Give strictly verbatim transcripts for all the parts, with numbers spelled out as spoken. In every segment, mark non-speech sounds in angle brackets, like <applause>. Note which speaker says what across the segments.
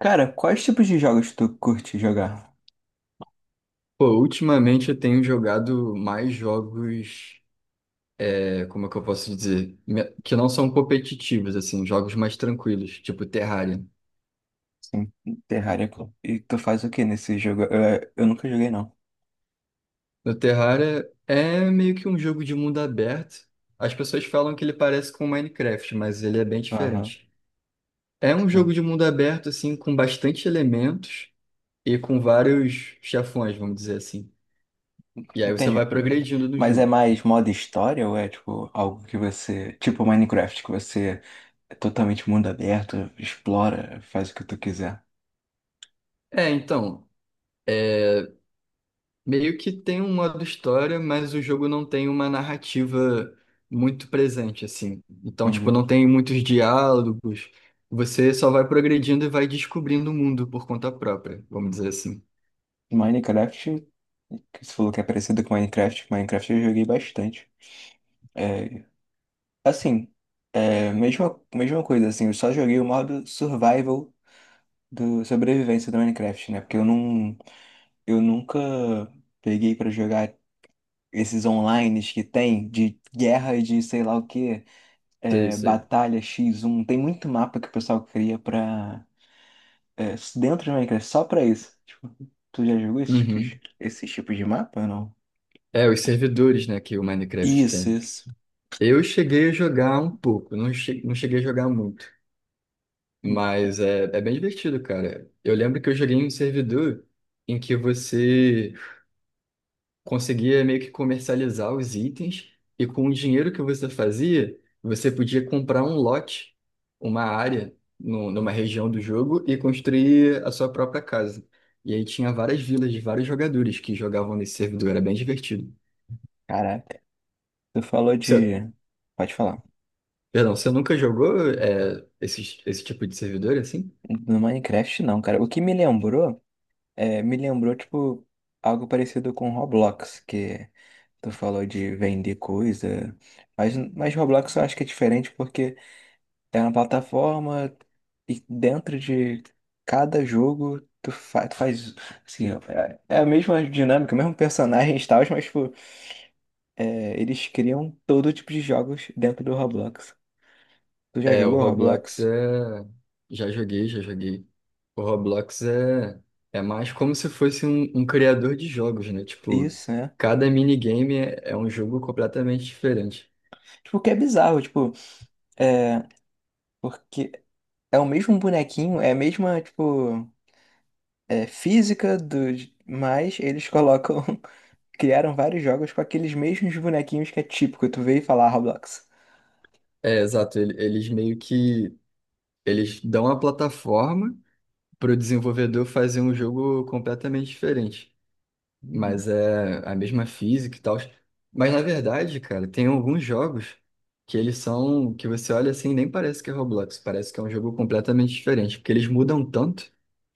Speaker 1: Cara, quais tipos de jogos tu curte jogar?
Speaker 2: Pô, ultimamente eu tenho jogado mais jogos, é, como é que eu posso dizer? Me- Que não são competitivos, assim, jogos mais tranquilos, tipo Terraria.
Speaker 1: Sim. Terraria, pô. E tu faz o que nesse jogo? Eu, eu nunca joguei, não.
Speaker 2: No Terraria é meio que um jogo de mundo aberto. As pessoas falam que ele parece com Minecraft, mas ele é bem
Speaker 1: Aham,
Speaker 2: diferente. É um
Speaker 1: sim.
Speaker 2: jogo de mundo aberto, assim, com bastante elementos e com vários chefões, vamos dizer assim. E aí você
Speaker 1: Entendi.
Speaker 2: vai progredindo no
Speaker 1: Mas é
Speaker 2: jogo.
Speaker 1: mais modo história ou é tipo algo que você. Tipo Minecraft, que você é totalmente mundo aberto, explora, faz o que tu quiser.
Speaker 2: É, então. é, Meio que tem um modo história, mas o jogo não tem uma narrativa muito presente, assim. Então, tipo,
Speaker 1: Entendi.
Speaker 2: não tem muitos diálogos. Você só vai progredindo e vai descobrindo o mundo por conta própria, vamos dizer assim.
Speaker 1: Minecraft, que você falou que é parecido com Minecraft, Minecraft eu joguei bastante. É. Assim, é, mesma, mesma coisa, assim, eu só joguei o modo survival do sobrevivência do Minecraft, né? Porque eu não, eu nunca peguei pra jogar esses online que tem de guerra e de sei lá o que
Speaker 2: Sei, sei.
Speaker 1: batalha x um. Tem muito mapa que o pessoal cria pra, é, dentro do Minecraft, só pra isso. Tipo, tu já jogou esses tipos,
Speaker 2: Uhum.
Speaker 1: esses tipos de mapa ou não?
Speaker 2: É, os servidores, né, que o Minecraft
Speaker 1: Isso,
Speaker 2: tem.
Speaker 1: isso.
Speaker 2: Eu cheguei a jogar um pouco, não, che- não cheguei a jogar muito, mas é, é bem divertido, cara. Eu lembro que eu joguei em um servidor em que você conseguia meio que comercializar os itens e com o dinheiro que você fazia, você podia comprar um lote, uma área no, numa região do jogo e construir a sua própria casa. E aí tinha várias vilas de vários jogadores que jogavam nesse servidor, era bem divertido.
Speaker 1: Caraca, tu falou
Speaker 2: Você,
Speaker 1: de... Pode falar.
Speaker 2: perdão, você nunca jogou é, esse, esse tipo de servidor assim?
Speaker 1: No Minecraft, não, cara. O que me lembrou, é, me lembrou, tipo, algo parecido com Roblox, que tu falou de vender coisa. Mas, mas Roblox eu acho que é diferente porque é uma plataforma e dentro de cada jogo tu, fa tu faz, assim, é é a mesma dinâmica, o mesmo personagem e tal, mas, tipo, é, eles criam todo tipo de jogos dentro do Roblox. Tu já
Speaker 2: É, o
Speaker 1: jogou
Speaker 2: Roblox
Speaker 1: Roblox?
Speaker 2: é. Já joguei, já joguei. O Roblox é, é mais como se fosse um, um criador de jogos, né? Tipo,
Speaker 1: Isso, né?
Speaker 2: cada minigame é, é um jogo completamente diferente.
Speaker 1: Tipo, o que é bizarro, tipo, é, porque é o mesmo bonequinho, é a mesma, tipo, é, física do. Mas eles colocam. <laughs> Criaram vários jogos com aqueles mesmos bonequinhos que é típico, tu veio falar Roblox.
Speaker 2: É, exato. ele- Eles meio que. Eles dão a plataforma para o desenvolvedor fazer um jogo completamente diferente.
Speaker 1: Uhum.
Speaker 2: Mas é a mesma física e tal. Mas na verdade, cara, tem alguns jogos que eles são, que você olha assim, nem parece que é Roblox, parece que é um jogo completamente diferente, porque eles mudam tanto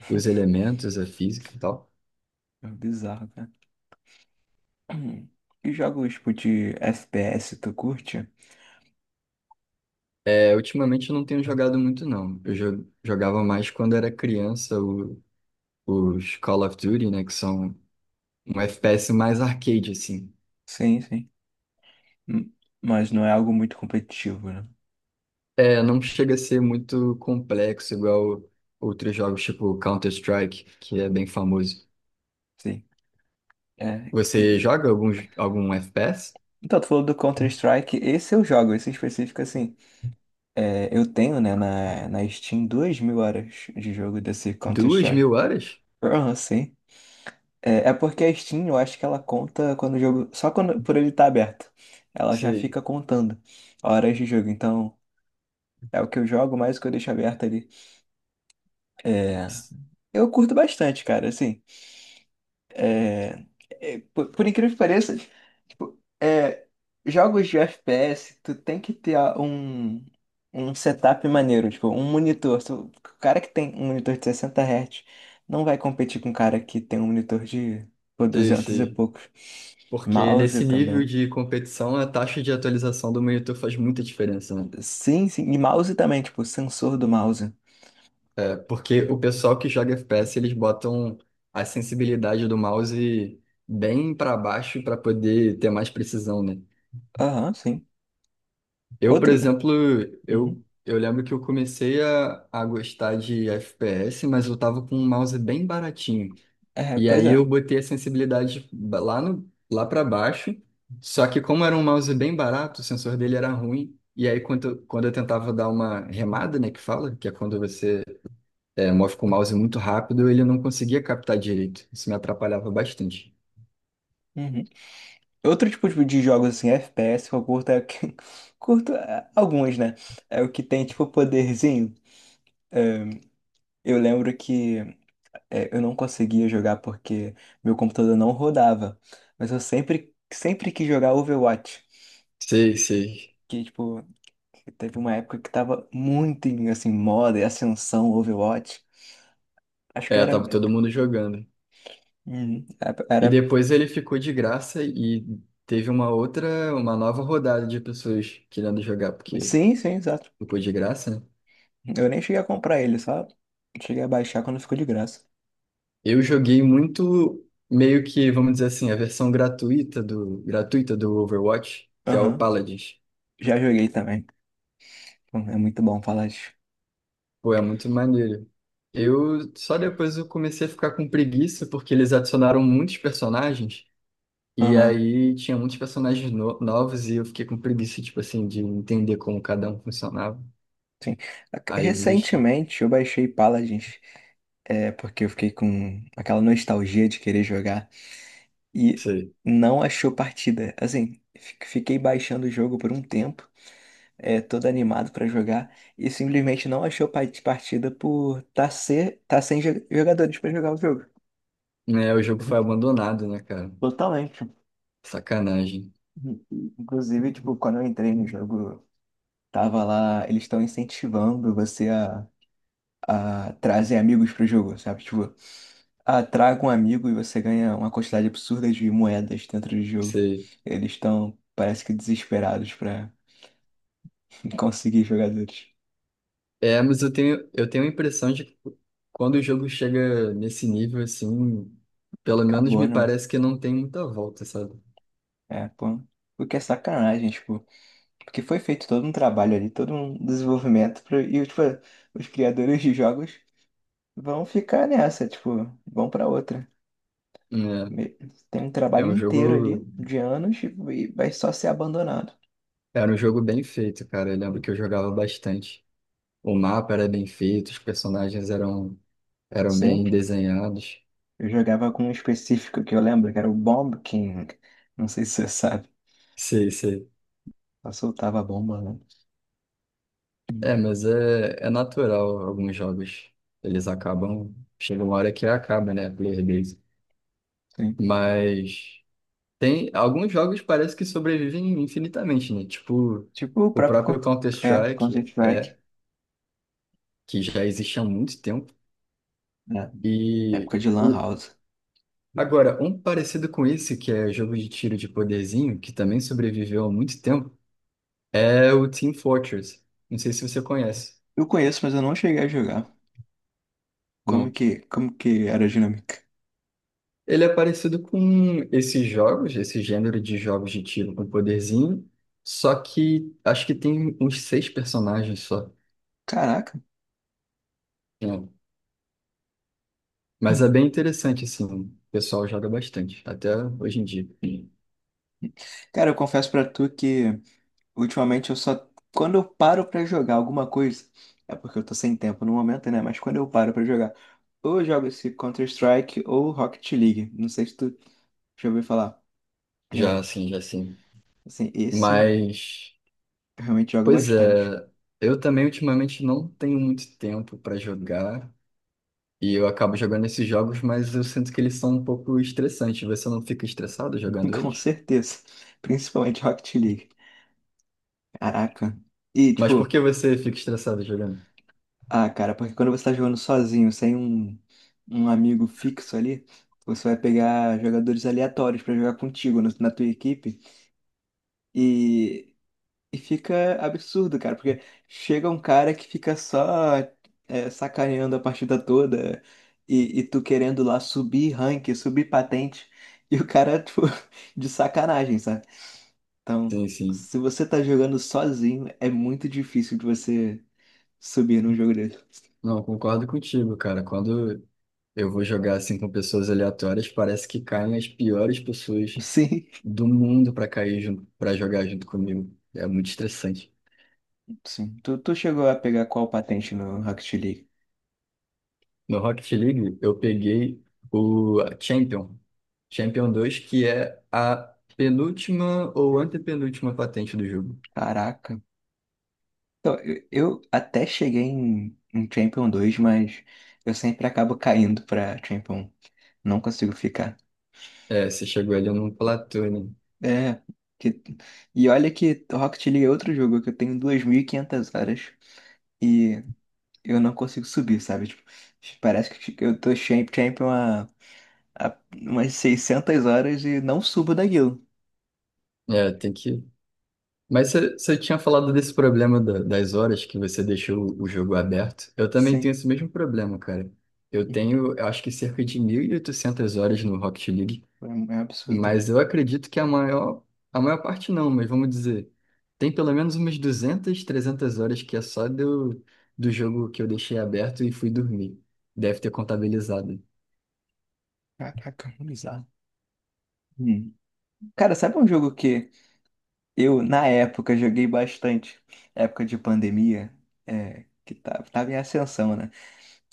Speaker 2: os elementos, a física e tal.
Speaker 1: É bizarro, cara. Hum. E jogos, tipo, de F P S, tu curte?
Speaker 2: É, ultimamente eu não tenho jogado muito, não. Eu jo- jogava mais quando era criança, o- os Call of Duty, né, que são um F P S mais arcade, assim.
Speaker 1: Sim, sim. Hum, Mas não é algo muito competitivo, né?
Speaker 2: É, não chega a ser muito complexo, igual outros jogos tipo Counter-Strike, que é bem famoso.
Speaker 1: Sim. É. e-
Speaker 2: Você joga alguns, algum, j- algum F P S?
Speaker 1: Então, tu falou do Counter-Strike, esse eu jogo, esse em específico, assim. É, eu tenho, né, na, na Steam, duas mil horas de jogo desse
Speaker 2: Duas
Speaker 1: Counter-Strike.
Speaker 2: mil horas?
Speaker 1: Ah, sim. É, é porque a Steam, eu acho que ela conta quando o jogo. Só quando por ele estar aberto. Ela já
Speaker 2: Sei,
Speaker 1: fica contando horas de jogo. Então, é o que eu jogo, mais o que eu deixo aberto ali. É, eu curto bastante, cara, assim. É, é, por, por incrível que pareça, tipo, é, jogos de F P S, tu tem que ter a- um, um setup maneiro, tipo, um monitor. Tu- o cara que tem um monitor de sessenta hertz não vai competir com o cara que tem um monitor de pô,
Speaker 2: sei,
Speaker 1: duzentos e
Speaker 2: sei.
Speaker 1: poucos.
Speaker 2: Porque
Speaker 1: Mouse
Speaker 2: nesse nível
Speaker 1: também.
Speaker 2: de competição, a taxa de atualização do monitor faz muita diferença, né?
Speaker 1: Sim, sim. E mouse também, tipo, sensor do mouse.
Speaker 2: É, porque o pessoal que joga F P S, eles botam a sensibilidade do mouse bem para baixo para poder ter mais precisão, né?
Speaker 1: Aham, sim.
Speaker 2: Eu, por
Speaker 1: Outro.
Speaker 2: exemplo,
Speaker 1: Uhum.
Speaker 2: eu, eu lembro que eu comecei a, a gostar de F P S, mas eu tava com um mouse bem baratinho.
Speaker 1: É,
Speaker 2: E
Speaker 1: pois
Speaker 2: aí
Speaker 1: é.
Speaker 2: eu botei a sensibilidade ba- lá no, lá para baixo. Só que como era um mouse bem barato, o sensor dele era ruim. E aí quando, eu- quando eu tentava dar uma remada, né, que fala, que é quando você é, move com o mouse muito rápido, ele não conseguia captar direito. Isso me atrapalhava bastante.
Speaker 1: Uhum. Outro tipo de de jogos assim, F P S, que eu curto é o que. <laughs> Curto é, alguns, né? É o que tem, tipo, poderzinho. É, eu lembro que é, eu não conseguia jogar porque meu computador não rodava. Mas eu sempre, sempre quis jogar Overwatch.
Speaker 2: Sei, sei.
Speaker 1: Que, tipo, que teve uma época que tava muito em, assim, moda e ascensão Overwatch. Acho que
Speaker 2: É,
Speaker 1: era.
Speaker 2: tava todo mundo jogando.
Speaker 1: Uhum. é,
Speaker 2: E
Speaker 1: Era.
Speaker 2: depois ele ficou de graça e teve uma outra, uma nova rodada de pessoas querendo jogar, porque
Speaker 1: Sim, sim, exato.
Speaker 2: ficou de graça, né?
Speaker 1: Eu nem cheguei a comprar ele, só cheguei a baixar quando ficou de graça.
Speaker 2: Eu joguei muito, meio que, vamos dizer assim, a versão gratuita do, gratuita do Overwatch, que é o
Speaker 1: Aham.
Speaker 2: Paladins.
Speaker 1: Já joguei também. Hum, É muito bom Paladins.
Speaker 2: Pô, é muito maneiro. Eu só depois eu comecei a ficar com preguiça, porque eles adicionaram muitos personagens, e
Speaker 1: Aham.
Speaker 2: aí tinha muitos personagens no- novos, e eu fiquei com preguiça, tipo assim, de entender como cada um funcionava.
Speaker 1: Sim.
Speaker 2: Aí eu desisti.
Speaker 1: Recentemente eu baixei Paladins, é, porque eu fiquei com aquela nostalgia de querer jogar e
Speaker 2: Sei.
Speaker 1: não achou partida. Assim, fi- fiquei baixando o jogo por um tempo, é, todo animado pra jogar e simplesmente não achou pa- partida por tá, ser, tá sem jo- jogadores pra jogar o jogo.
Speaker 2: Né, o jogo foi abandonado, né, cara?
Speaker 1: Totalmente.
Speaker 2: Sacanagem.
Speaker 1: Inclusive, tipo, quando eu entrei no jogo, tava lá, eles estão incentivando você a, a trazer amigos pro jogo, sabe? Tipo, ah, traga um amigo e você ganha uma quantidade absurda de moedas dentro do jogo.
Speaker 2: Sei.
Speaker 1: Eles estão, parece que desesperados pra <laughs> conseguir jogadores.
Speaker 2: É, mas eu tenho, eu tenho a impressão de que quando o jogo chega nesse nível, assim, pelo menos
Speaker 1: Acabou,
Speaker 2: me
Speaker 1: né?
Speaker 2: parece que não tem muita volta, sabe?
Speaker 1: É, pô. O que é sacanagem, tipo, porque foi feito todo um trabalho ali, todo um desenvolvimento pra, e, tipo, os criadores de jogos vão ficar nessa, tipo, vão pra outra. Me- Tem um
Speaker 2: É, é
Speaker 1: trabalho
Speaker 2: um
Speaker 1: inteiro
Speaker 2: jogo,
Speaker 1: ali de anos e e vai só ser abandonado.
Speaker 2: era um jogo bem feito, cara. Eu lembro que eu jogava bastante. O mapa era bem feito, os personagens eram, eram bem
Speaker 1: Sempre.
Speaker 2: desenhados.
Speaker 1: Eu jogava com um específico que eu lembro, que era o Bomb King. Não sei se você sabe.
Speaker 2: Sei, sei.
Speaker 1: Só soltava a bomba, né?
Speaker 2: É,
Speaker 1: Hum.
Speaker 2: mas é, é natural alguns jogos. Eles acabam, chega uma hora que acaba, né? a player base.
Speaker 1: Sim.
Speaker 2: Mas. Tem alguns jogos parece que sobrevivem infinitamente, né? Tipo,
Speaker 1: Tipo o
Speaker 2: o
Speaker 1: próprio
Speaker 2: próprio
Speaker 1: Counter- é,
Speaker 2: Counter-Strike
Speaker 1: Counter-Strike,
Speaker 2: é que já existe há muito tempo.
Speaker 1: né?
Speaker 2: E
Speaker 1: Época de
Speaker 2: o
Speaker 1: Lan House.
Speaker 2: agora, um parecido com esse, que é jogo de tiro de poderzinho, que também sobreviveu há muito tempo, é o Team Fortress. Não sei se você conhece.
Speaker 1: Eu conheço, mas eu não cheguei a jogar. Como
Speaker 2: Não.
Speaker 1: que, como que era a dinâmica?
Speaker 2: Ele é parecido com esses jogos, esse gênero de jogos de tiro com poderzinho, só que acho que tem uns seis personagens só.
Speaker 1: Caraca.
Speaker 2: Mas é
Speaker 1: Hum.
Speaker 2: bem interessante, assim, o pessoal joga bastante, até hoje em dia,
Speaker 1: Cara, eu confesso pra tu que ultimamente eu só. Quando eu paro pra jogar alguma coisa, é porque eu tô sem tempo no momento, né? Mas quando eu paro pra jogar, ou eu jogo esse Counter-Strike ou Rocket League. Não sei se tu já ouviu falar.
Speaker 2: já
Speaker 1: É,
Speaker 2: assim, já assim.
Speaker 1: assim, esse
Speaker 2: Mas,
Speaker 1: eu realmente joga
Speaker 2: pois
Speaker 1: bastante.
Speaker 2: é, eu também ultimamente não tenho muito tempo para jogar, e eu acabo jogando esses jogos, mas eu sinto que eles são um pouco estressantes. Você não fica estressado
Speaker 1: <laughs>
Speaker 2: jogando
Speaker 1: Com
Speaker 2: eles?
Speaker 1: certeza. Principalmente Rocket League. Caraca. E,
Speaker 2: Mas por
Speaker 1: tipo,
Speaker 2: que você fica estressado jogando?
Speaker 1: ah, cara, porque quando você tá jogando sozinho, sem um, um amigo fixo ali, você vai pegar jogadores aleatórios pra jogar contigo na na tua equipe. E. E fica absurdo, cara, porque chega um cara que fica só é, sacaneando a partida toda e, e tu querendo lá subir rank, subir patente, e o cara, tipo, <laughs> de sacanagem, sabe? Então,
Speaker 2: Sim, sim.
Speaker 1: se você tá jogando sozinho, é muito difícil de você subir num jogo desse.
Speaker 2: Não, concordo contigo, cara. Quando eu vou jogar assim com pessoas aleatórias, parece que caem as piores
Speaker 1: <laughs>
Speaker 2: pessoas
Speaker 1: Sim,
Speaker 2: do mundo pra cair junto, para jogar junto comigo. É muito estressante.
Speaker 1: sim. Tu, tu chegou a pegar qual patente no Rocket League?
Speaker 2: No Rocket League, eu peguei o Champion, Champion dois, que é a penúltima ou antepenúltima patente do jogo.
Speaker 1: Caraca. Então, eu, eu até cheguei em, em Champion dois, mas eu sempre acabo caindo pra Champion um. Não consigo ficar.
Speaker 2: É, você chegou ali num platô, né?
Speaker 1: É. que- E olha que Rocket League é outro jogo que eu tenho duas mil e quinhentas horas e eu não consigo subir, sabe? Tipo, parece que eu tô champ- champion há, há umas seiscentas horas e não subo daquilo.
Speaker 2: É, tem que. Mas você você tinha falado desse problema da- das horas que você deixou o jogo aberto. Eu também tenho
Speaker 1: Sim.
Speaker 2: esse mesmo problema, cara. Eu
Speaker 1: Uhum.
Speaker 2: tenho, eu acho que cerca de mil e oitocentas horas no Rocket League.
Speaker 1: É, é um absurdo.
Speaker 2: Mas eu acredito que a maior, a maior parte não, mas vamos dizer, tem pelo menos umas duzentas trezentas horas que é só do, do jogo que eu deixei aberto e fui dormir. Deve ter contabilizado.
Speaker 1: Caraca, bizarro. Hum. Cara, sabe um jogo que eu, na época, joguei bastante? Época de pandemia, é, que tava, tava em ascensão, né?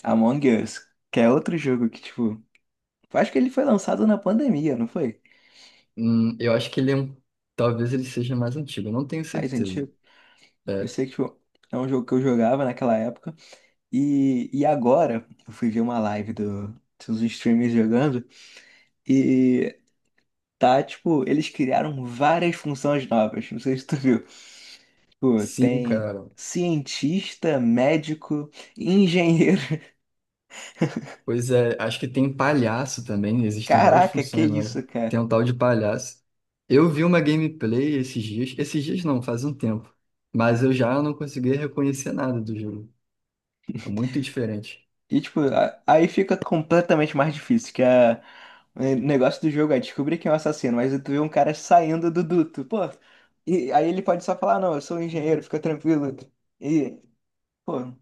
Speaker 1: Among Us, que é outro jogo que, tipo, eu acho que ele foi lançado na pandemia, não foi?
Speaker 2: Hum, eu acho que ele é um, talvez ele seja mais antigo, eu não tenho
Speaker 1: Mas,
Speaker 2: certeza.
Speaker 1: gente, eu
Speaker 2: É,
Speaker 1: sei que tipo, é um jogo que eu jogava naquela época. E, e agora, eu fui ver uma live do, dos streamers jogando. E tá, tipo, eles criaram várias funções novas. Não sei se tu viu. Tipo,
Speaker 2: sim,
Speaker 1: tem
Speaker 2: cara.
Speaker 1: cientista, médico, engenheiro.
Speaker 2: Pois é, acho que tem palhaço também,
Speaker 1: <laughs>
Speaker 2: existem várias
Speaker 1: Caraca, que
Speaker 2: funções, né?
Speaker 1: isso,
Speaker 2: Tem
Speaker 1: cara.
Speaker 2: um tal de palhaço. Eu vi uma gameplay esses dias, esses dias não, faz um tempo, mas eu já não conseguia reconhecer nada do jogo. É muito diferente.
Speaker 1: E, tipo, a- aí fica completamente mais difícil, que a, o negócio do jogo é descobrir quem é o assassino, mas tu vê um cara saindo do duto, pô. E aí ele pode só falar, não, eu sou um engenheiro, fica tranquilo. E, pô,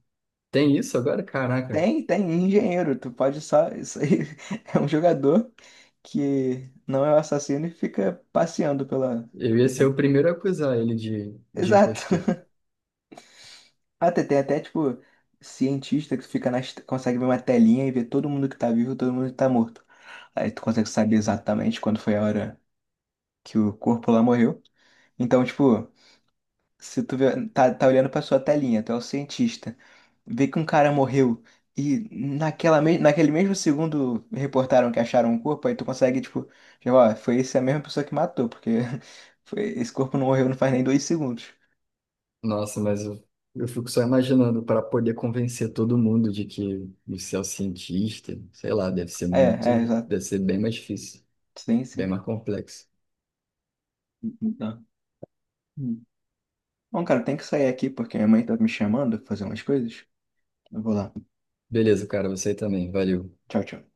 Speaker 2: Tem isso agora? Caraca,
Speaker 1: tem, tem engenheiro, tu pode só. Isso aí <laughs> é um jogador que não é o assassino e fica passeando pela.
Speaker 2: eu ia ser
Speaker 1: pela-
Speaker 2: o primeiro a acusar ele de, de
Speaker 1: Exato.
Speaker 2: impostor.
Speaker 1: Ah, tem tem até, tipo, cientista que fica na, est- consegue ver uma telinha e ver todo mundo que tá vivo e todo mundo que tá morto. Aí tu consegue saber exatamente quando foi a hora que o corpo lá morreu. Então, tipo, se tu vê, tá, tá olhando pra sua telinha, tu é o cientista, vê que um cara morreu e naquela, me- naquele mesmo segundo reportaram que acharam um corpo, aí tu consegue, tipo, já, ó, foi essa mesma pessoa que matou, porque <laughs> foi, esse corpo não morreu não faz nem dois segundos.
Speaker 2: Nossa, mas eu, eu fico só imaginando para poder convencer todo mundo de que você é o cientista, sei lá, deve ser
Speaker 1: É, é,
Speaker 2: muito,
Speaker 1: exato.
Speaker 2: deve ser bem mais difícil,
Speaker 1: Sim,
Speaker 2: bem
Speaker 1: sim.
Speaker 2: mais complexo.
Speaker 1: Então. Bom, cara, tem que sair aqui porque minha mãe tá me chamando pra fazer umas coisas. Eu vou lá.
Speaker 2: Beleza, cara, você também, valeu.
Speaker 1: Tchau, tchau.